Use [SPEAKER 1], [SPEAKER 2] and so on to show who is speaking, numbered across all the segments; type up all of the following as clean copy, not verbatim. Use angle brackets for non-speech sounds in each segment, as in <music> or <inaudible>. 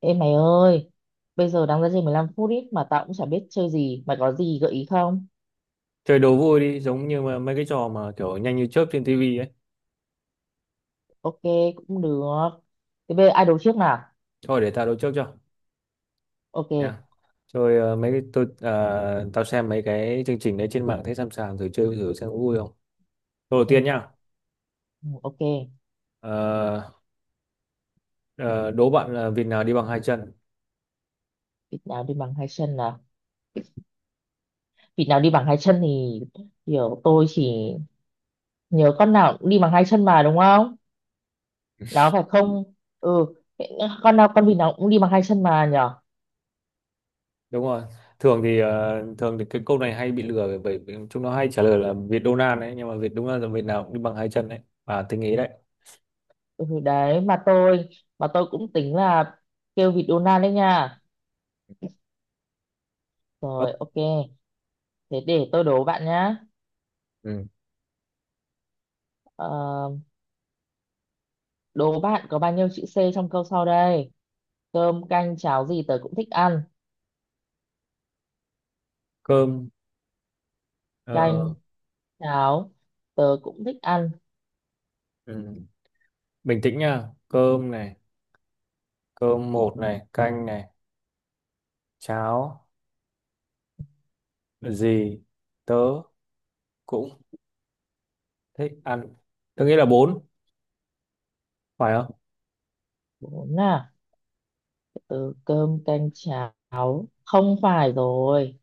[SPEAKER 1] Ê mày ơi, bây giờ đang ra chơi 15 phút ít mà tao cũng chả biết chơi gì. Mày có gì gợi ý không?
[SPEAKER 2] Chơi đố vui đi, giống như mà mấy cái trò mà kiểu nhanh như chớp trên tivi ấy.
[SPEAKER 1] Ok, cũng được. Thế bây giờ ai đấu trước nào?
[SPEAKER 2] Thôi để tao đố trước cho
[SPEAKER 1] Ok.
[SPEAKER 2] nha. Chơi mấy
[SPEAKER 1] Ừ,
[SPEAKER 2] cái tôi tao xem mấy cái chương trình đấy trên mạng, thấy sẵn sàng thử chơi thử xem có vui không. Câu đầu
[SPEAKER 1] ừ,
[SPEAKER 2] tiên nha.
[SPEAKER 1] ừ, ok.
[SPEAKER 2] Ờ, ờ, Đố bạn là vịt nào đi bằng hai chân?
[SPEAKER 1] Vịt nào đi bằng hai chân nào? Vịt nào đi bằng hai chân thì kiểu tôi chỉ nhớ con nào cũng đi bằng hai chân mà đúng không? Nó phải không? Ừ, con nào con vịt nào cũng đi bằng hai chân mà nhở?
[SPEAKER 2] Đúng rồi. Thường thì cái câu này hay bị lừa bởi bởi vì chúng nó hay trả lời là vịt Donald đấy, nhưng mà vịt đúng là vịt nào cũng đi bằng hai chân đấy. À, tinh ý đấy.
[SPEAKER 1] Ừ, đấy mà tôi cũng tính là kêu vịt Donald đấy nha.
[SPEAKER 2] Ơ,
[SPEAKER 1] Rồi ok, thế để tôi đố bạn nhá.
[SPEAKER 2] ừ.
[SPEAKER 1] Ờ, Đố bạn có bao nhiêu chữ C trong câu sau đây? Cơm, canh, cháo gì tớ cũng thích ăn.
[SPEAKER 2] Cơm,
[SPEAKER 1] Canh,
[SPEAKER 2] ờ,
[SPEAKER 1] cháo, tớ cũng thích ăn.
[SPEAKER 2] ừ. Bình tĩnh nha. Cơm này, cơm một này, canh này, cháo gì tớ cũng thích ăn. Tớ nghĩ là bốn. Phải không?
[SPEAKER 1] Bốn à? Từ cơm, canh, cháo. Không phải rồi.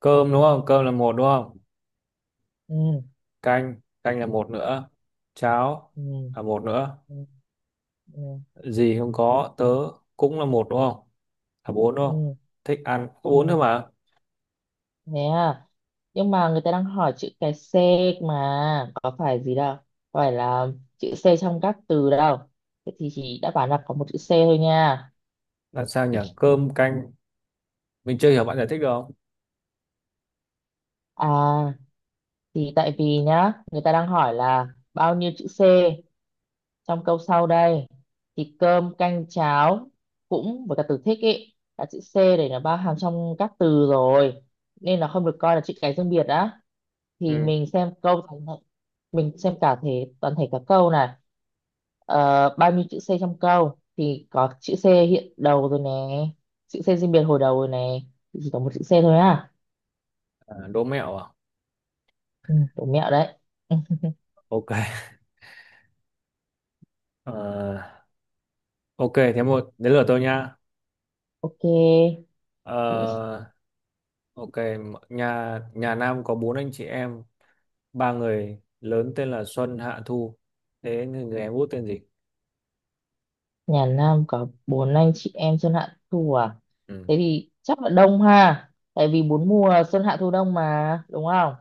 [SPEAKER 2] Cơm đúng không? Cơm là một đúng không?
[SPEAKER 1] Ừ,
[SPEAKER 2] Canh, canh là một nữa. Cháo
[SPEAKER 1] ừ,
[SPEAKER 2] là một nữa.
[SPEAKER 1] ừ, ừ,
[SPEAKER 2] Gì không có. Tớ cũng là một đúng không? Là bốn đúng không?
[SPEAKER 1] ừ,
[SPEAKER 2] Thích ăn có bốn
[SPEAKER 1] ừ.
[SPEAKER 2] thôi mà.
[SPEAKER 1] Thế à? Nhưng mà người ta đang hỏi chữ cái C mà. Có phải gì đâu. Có phải là chữ C trong các từ đâu. Thế thì chỉ đáp án là có một chữ C thôi nha.
[SPEAKER 2] Làm sao nhỉ, cơm canh, mình chưa hiểu, bạn giải thích được không?
[SPEAKER 1] À, thì tại vì nhá, người ta đang hỏi là bao nhiêu chữ C trong câu sau đây thì cơm canh cháo cũng với cả từ thích ý cả chữ C để nó bao hàm trong các từ rồi nên là không được coi là chữ cái riêng biệt đã thì
[SPEAKER 2] Ừ.
[SPEAKER 1] mình xem câu toàn thể, mình xem cả thể toàn thể cả câu này. Bao nhiêu chữ C trong câu thì có chữ C hiện đầu rồi nè, chữ C riêng biệt hồi đầu rồi nè, thì chỉ có một chữ C thôi à.
[SPEAKER 2] À, đố mẹo à?
[SPEAKER 1] Ừ, đủ mẹo đấy. <laughs>
[SPEAKER 2] Ok. Ờ, ok, thế đến lượt tôi nha.
[SPEAKER 1] Ok.
[SPEAKER 2] Ờ, ok. Nhà nhà Nam có bốn anh chị em. Ba người lớn tên là Xuân, Hạ, Thu. Thế người em út tên gì?
[SPEAKER 1] Nhà Nam có bốn anh chị em Xuân Hạ Thu à?
[SPEAKER 2] Ừ.
[SPEAKER 1] Thế thì chắc là đông ha. Tại vì bốn mùa Xuân Hạ Thu Đông mà, đúng không?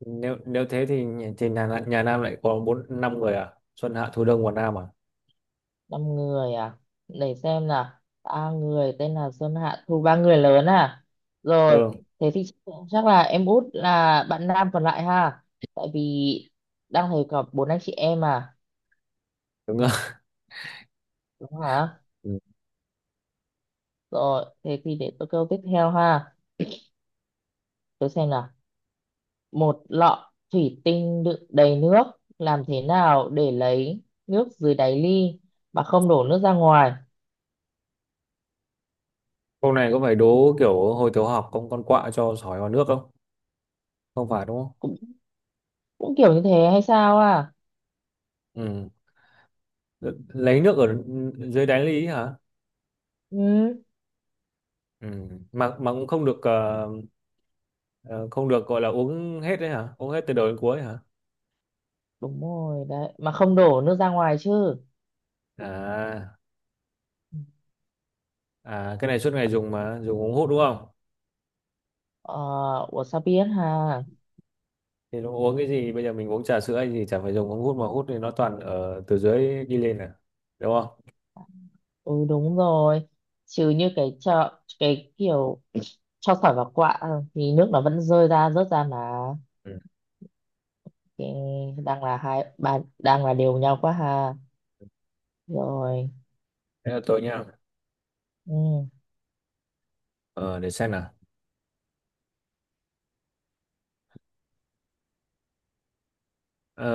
[SPEAKER 2] nếu nếu thế thì nhà Nam lại có bốn năm người à, Xuân, Hạ, Thu, Đông và Nam à?
[SPEAKER 1] Năm người à? Để xem nào. Ba người tên là Xuân Hạ Thu, ba người lớn à? Rồi,
[SPEAKER 2] Ừ,
[SPEAKER 1] thế thì chắc chắc là em út là bạn nam còn lại ha. Tại vì đang thấy có bốn anh chị em à,
[SPEAKER 2] đúng rồi.
[SPEAKER 1] đúng hả?
[SPEAKER 2] <laughs> Ừ.
[SPEAKER 1] Rồi, thế thì để tôi câu tiếp theo ha. Tôi xem nào. Một lọ thủy tinh đựng đầy nước, làm thế nào để lấy nước dưới đáy ly mà không đổ nước ra ngoài?
[SPEAKER 2] Câu này có phải đố kiểu hồi tiểu học con quạ cho sỏi vào nước không? Không phải đúng không?
[SPEAKER 1] Cũng cũng kiểu như thế hay sao à?
[SPEAKER 2] Ừ. Lấy nước ở dưới đáy lý hả?
[SPEAKER 1] Ừ
[SPEAKER 2] Ừ. mà cũng không được, ờ, không được gọi là uống hết đấy hả, uống hết từ đầu đến cuối hả?
[SPEAKER 1] đúng rồi đấy, mà không đổ nước ra ngoài chứ.
[SPEAKER 2] À à, cái này suốt ngày dùng mà, dùng uống hút đúng không?
[SPEAKER 1] Ờ, ủa sao biết ha.
[SPEAKER 2] Thì nó uống cái gì? Bây giờ mình uống trà sữa hay gì chả phải dùng ống hút mà hút thì nó toàn ở từ dưới đi lên à. Đúng không?
[SPEAKER 1] Ừ đúng rồi, chứ như cái chợ cái kiểu <clears throat> cho sỏi vào quạ thì nước nó vẫn rơi ra rớt ra mà.
[SPEAKER 2] Ừ.
[SPEAKER 1] Thì đang là hai ba đang là đều nhau quá ha. Rồi.
[SPEAKER 2] Thế là tôi nhá.
[SPEAKER 1] Ừ,
[SPEAKER 2] Ờ, để xem nào. Ờ,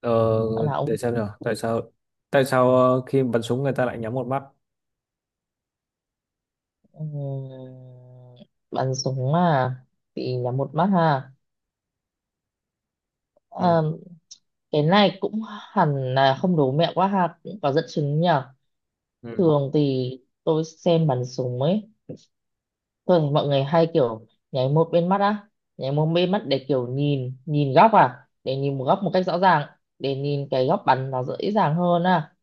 [SPEAKER 2] ờ,
[SPEAKER 1] là
[SPEAKER 2] để
[SPEAKER 1] ông.
[SPEAKER 2] xem nào. Tại sao khi bắn súng người ta lại nhắm một mắt?
[SPEAKER 1] Ừm, Bắn súng à, bị nhắm một mắt ha.
[SPEAKER 2] Ừ.
[SPEAKER 1] Ờ, cái này cũng hẳn là không đố mẹo quá ha, cũng có dẫn chứng nhở.
[SPEAKER 2] Ừ.
[SPEAKER 1] Thường thì tôi xem bắn súng ấy, tôi thấy mọi người hay kiểu nháy một bên mắt á, nháy một bên mắt để kiểu nhìn nhìn góc à, để nhìn một góc một cách rõ ràng, để nhìn cái góc bắn nó dễ dàng hơn à,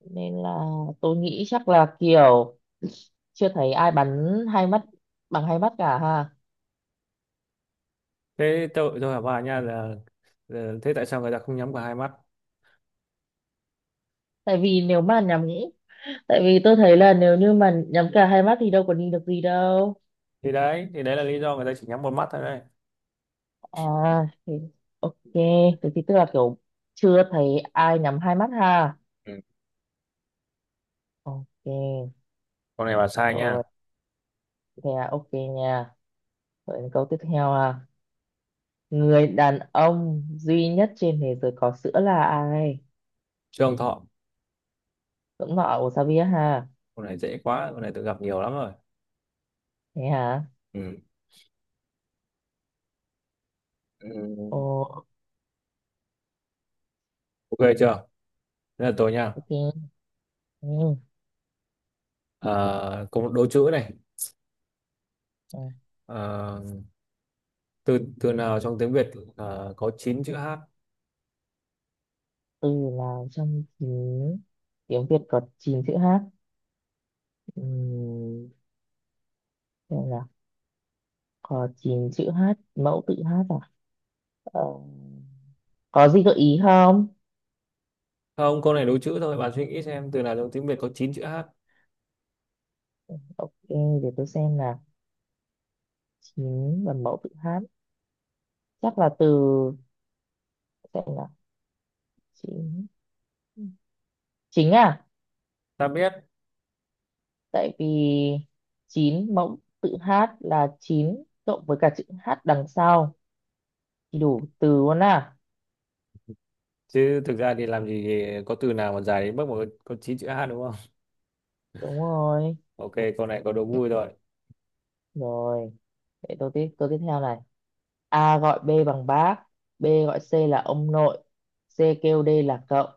[SPEAKER 1] nên là tôi nghĩ chắc là kiểu chưa thấy ai bắn hai mắt, bằng hai mắt cả ha.
[SPEAKER 2] Thế tôi hỏi bà nha là thế tại sao người ta không nhắm cả hai mắt?
[SPEAKER 1] Tại vì nếu mà nhắm, tại vì tôi thấy là nếu như mà nhắm cả hai mắt thì đâu có nhìn được gì đâu.
[SPEAKER 2] Thì đấy là lý do người ta chỉ nhắm một mắt thôi đấy.
[SPEAKER 1] À thì, ok thế thì tức là kiểu chưa thấy ai nhắm hai mắt ha.
[SPEAKER 2] Ừ.
[SPEAKER 1] Ok.
[SPEAKER 2] Con này bà sai nha.
[SPEAKER 1] Rồi, thế à, ok nha. Rồi đến câu tiếp theo à. Người đàn ông duy nhất trên thế giới có sữa là ai?
[SPEAKER 2] Trường Thọ.
[SPEAKER 1] Cũng nọ của sao biết ha.
[SPEAKER 2] Con này dễ quá, con này tôi gặp nhiều lắm rồi.
[SPEAKER 1] Thế hả?
[SPEAKER 2] Ừ. Ừ.
[SPEAKER 1] Ồ.
[SPEAKER 2] Ok chưa? Thế là tôi nha.
[SPEAKER 1] Ok. Ừ.
[SPEAKER 2] Ờ, có một đố chữ này.
[SPEAKER 1] Ừ.
[SPEAKER 2] Ờ, từ từ nào trong tiếng Việt có 9 chữ H?
[SPEAKER 1] Từ nào trong chín tiếng Việt có chín chữ hát? Ừ, xem nào. Có chín chữ hát, mẫu tự hát à? Ờ, có gì gợi ý không?
[SPEAKER 2] Không, câu này đố chữ thôi, bạn suy nghĩ xem từ nào trong tiếng Việt có 9 chữ H.
[SPEAKER 1] Ok, để tôi xem là chín và mẫu tự hát, chắc là từ, xem là chín, chính à?
[SPEAKER 2] Ta biết.
[SPEAKER 1] Tại vì chín mẫu tự hát là chín cộng với cả chữ hát đằng sau thì đủ từ luôn à.
[SPEAKER 2] Chứ thực ra thì làm gì có từ nào mà dài đến mức mà có 9 chữ H, đúng không?
[SPEAKER 1] Đúng rồi.
[SPEAKER 2] <laughs> Ok, câu này có đố vui rồi.
[SPEAKER 1] Rồi, để tôi tiếp theo này. A gọi B bằng bác, B gọi C là ông nội, C kêu D là cậu,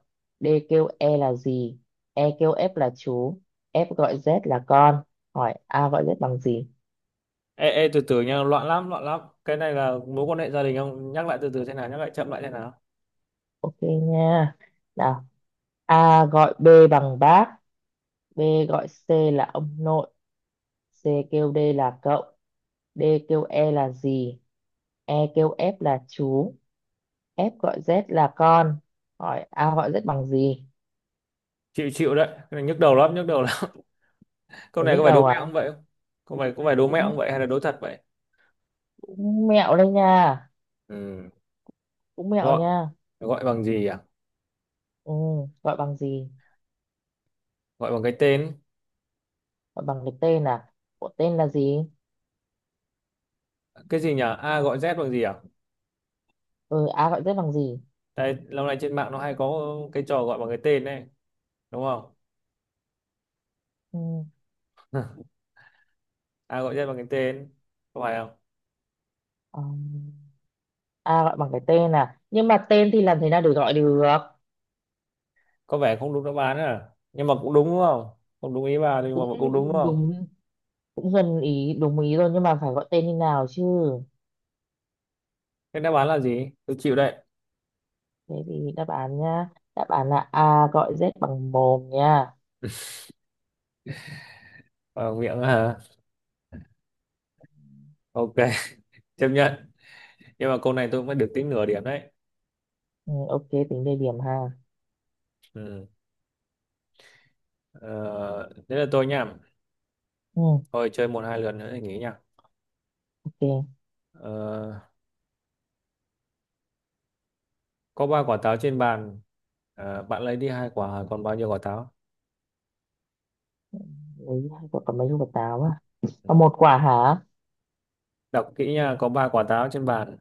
[SPEAKER 1] D kêu E là gì, E kêu F là chú, F gọi Z là con. Hỏi A gọi Z bằng gì?
[SPEAKER 2] Ê, ê, từ từ nha, loạn lắm, loạn lắm. Cái này là mối quan hệ gia đình không? Nhắc lại từ từ thế nào, nhắc lại chậm lại thế nào?
[SPEAKER 1] Ok nha. Nào, A gọi B bằng bác, B gọi C là ông nội, C kêu D là cậu, D kêu E là gì, E kêu F là chú, F gọi Z là con. Hỏi A gọi Z bằng gì?
[SPEAKER 2] Chịu, chịu đấy, cái này nhức đầu lắm, nhức đầu lắm. <laughs> Câu này có
[SPEAKER 1] Nhức
[SPEAKER 2] phải đố
[SPEAKER 1] đầu à?
[SPEAKER 2] mẹo không vậy không? Câu này có phải đố mẹo
[SPEAKER 1] Cũng,
[SPEAKER 2] không vậy, hay là đố thật vậy?
[SPEAKER 1] cũng mẹo đây nha.
[SPEAKER 2] Ừ.
[SPEAKER 1] Cũng mẹo
[SPEAKER 2] gọi
[SPEAKER 1] nha.
[SPEAKER 2] gọi bằng gì à?
[SPEAKER 1] Ừ, gọi bằng gì?
[SPEAKER 2] Gọi bằng cái tên.
[SPEAKER 1] Gọi bằng cái tên à? Của tên là gì?
[SPEAKER 2] Cái gì nhỉ, A gọi Z bằng gì à?
[SPEAKER 1] Ừ, a gọi tên bằng gì?
[SPEAKER 2] Đây, lâu nay trên mạng nó hay có cái trò gọi bằng cái tên này, đúng không?
[SPEAKER 1] Ừ,
[SPEAKER 2] A gọi Z bằng cái tên, có phải không?
[SPEAKER 1] um, a gọi bằng cái tên à, nhưng mà tên thì làm thế nào để gọi được?
[SPEAKER 2] Có vẻ không đúng đáp án à, nhưng mà cũng đúng, đúng không? Không đúng ý bà nhưng mà
[SPEAKER 1] Cũng
[SPEAKER 2] cũng đúng, đúng không?
[SPEAKER 1] đúng, cũng gần ý đúng ý rồi nhưng mà phải gọi tên như nào chứ.
[SPEAKER 2] Cái đáp án là gì, tôi chịu đấy.
[SPEAKER 1] Thế thì đáp án nhá, đáp án là a gọi z bằng mồm nha.
[SPEAKER 2] Vào miệng hả? Ok. <laughs> Chấp nhận. Nhưng mà câu này tôi mới được tính nửa điểm đấy.
[SPEAKER 1] Ừ, ok tính đề điểm ha.
[SPEAKER 2] Ừ. ờ, Thế là tôi nhá.
[SPEAKER 1] Ừ,
[SPEAKER 2] Thôi chơi một hai lần nữa thì nghỉ nhá.
[SPEAKER 1] ok.
[SPEAKER 2] ờ, có ba quả táo trên bàn. Bạn lấy đi hai quả, còn bao nhiêu quả táo?
[SPEAKER 1] Lấy hai quả còn mấy quả táo à? Còn một quả hả?
[SPEAKER 2] Đọc kỹ nha, có ba quả táo trên bàn,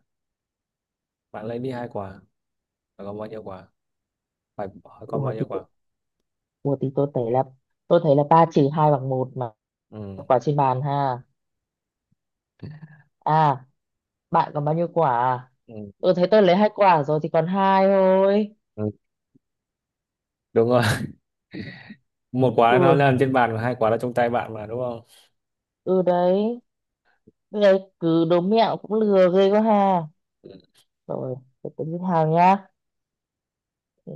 [SPEAKER 2] bạn lấy đi hai quả. Phải còn bao nhiêu quả. Phải hỏi còn
[SPEAKER 1] Ủa
[SPEAKER 2] bao
[SPEAKER 1] thì,
[SPEAKER 2] nhiêu quả.
[SPEAKER 1] ủa thì tôi thấy là, tôi thấy là ba trừ hai bằng một mà,
[SPEAKER 2] Ừ.
[SPEAKER 1] quả trên bàn ha. À, bạn còn bao nhiêu quả? À?
[SPEAKER 2] Ừ.
[SPEAKER 1] Ừ thấy tôi lấy hai quả rồi thì còn hai thôi.
[SPEAKER 2] Ừ. Đúng rồi. <laughs> Một quả nó
[SPEAKER 1] Ừ,
[SPEAKER 2] nằm trên bàn và hai quả là trong tay bạn mà, đúng không?
[SPEAKER 1] ừ đấy. Bây giờ cứ đố mẹo cũng lừa ghê quá ha.
[SPEAKER 2] Ừ.
[SPEAKER 1] Rồi, để tôi nghĩ hàng nhá. Ừ,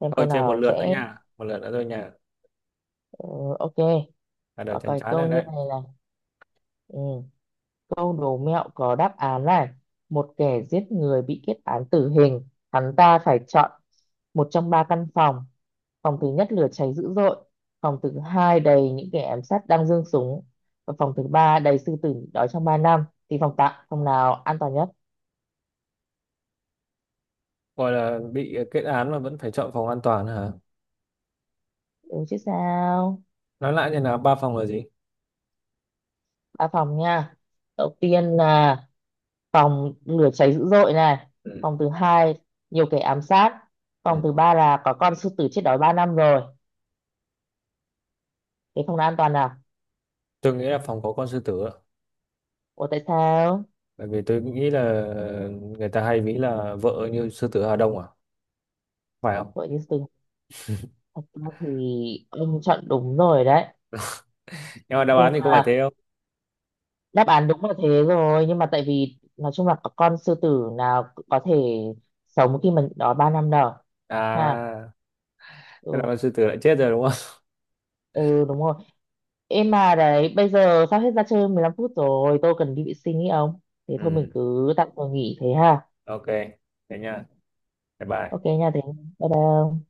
[SPEAKER 1] xem
[SPEAKER 2] Thôi
[SPEAKER 1] câu
[SPEAKER 2] chơi một
[SPEAKER 1] nào
[SPEAKER 2] lượt nữa
[SPEAKER 1] dễ.
[SPEAKER 2] nha, một lượt nữa thôi nha.
[SPEAKER 1] Ừ, ok,
[SPEAKER 2] Là đời
[SPEAKER 1] có
[SPEAKER 2] chán
[SPEAKER 1] cái
[SPEAKER 2] chán
[SPEAKER 1] câu
[SPEAKER 2] rồi
[SPEAKER 1] như
[SPEAKER 2] đấy.
[SPEAKER 1] này này. Ừ. Câu đố mẹo có đáp án này. Một kẻ giết người bị kết án tử hình. Hắn ta phải chọn một trong ba căn phòng. Phòng thứ nhất lửa cháy dữ dội. Phòng thứ hai đầy những kẻ ám sát đang giương súng. Và phòng thứ ba đầy sư tử nhịn đói trong 3 năm. Thì phòng tạm, phòng nào an toàn nhất?
[SPEAKER 2] Gọi là bị kết án mà vẫn phải chọn phòng an toàn hả?
[SPEAKER 1] Đúng chứ sao?
[SPEAKER 2] Nói lại như là ba phòng là gì?
[SPEAKER 1] Ba phòng nha. Đầu tiên là phòng lửa cháy dữ dội này.
[SPEAKER 2] Ừ.
[SPEAKER 1] Phòng thứ hai nhiều kẻ ám sát. Phòng
[SPEAKER 2] Ừ.
[SPEAKER 1] thứ ba là có con sư tử chết đói 3 năm rồi. Thế phòng nào an toàn nào?
[SPEAKER 2] Tôi nghĩ là phòng có con sư tử ạ.
[SPEAKER 1] Ủa tại sao?
[SPEAKER 2] Bởi vì tôi nghĩ là người ta hay nghĩ là vợ như sư tử Hà Đông à, phải không?
[SPEAKER 1] Vậy thì từ thật ra thì ông chọn đúng rồi đấy.
[SPEAKER 2] Nhưng mà đáp
[SPEAKER 1] Nhưng
[SPEAKER 2] án thì có phải
[SPEAKER 1] mà
[SPEAKER 2] thế không?
[SPEAKER 1] đáp án đúng là thế rồi. Nhưng mà tại vì nói chung là có con sư tử nào cũng có thể sống khi mình đó 3 năm đâu. Ha.
[SPEAKER 2] À, thế là
[SPEAKER 1] Ừ.
[SPEAKER 2] con sư tử lại chết rồi đúng không?
[SPEAKER 1] Ừ đúng rồi. Em mà đấy, bây giờ sắp hết ra chơi 15 phút rồi. Tôi cần đi vệ sinh ý ông.
[SPEAKER 2] <laughs>
[SPEAKER 1] Thế thôi
[SPEAKER 2] Ừ,
[SPEAKER 1] mình cứ tạm thời nghỉ thế ha.
[SPEAKER 2] ok, thế nha. Bye bye.
[SPEAKER 1] Ok nha, thế bye bye ông.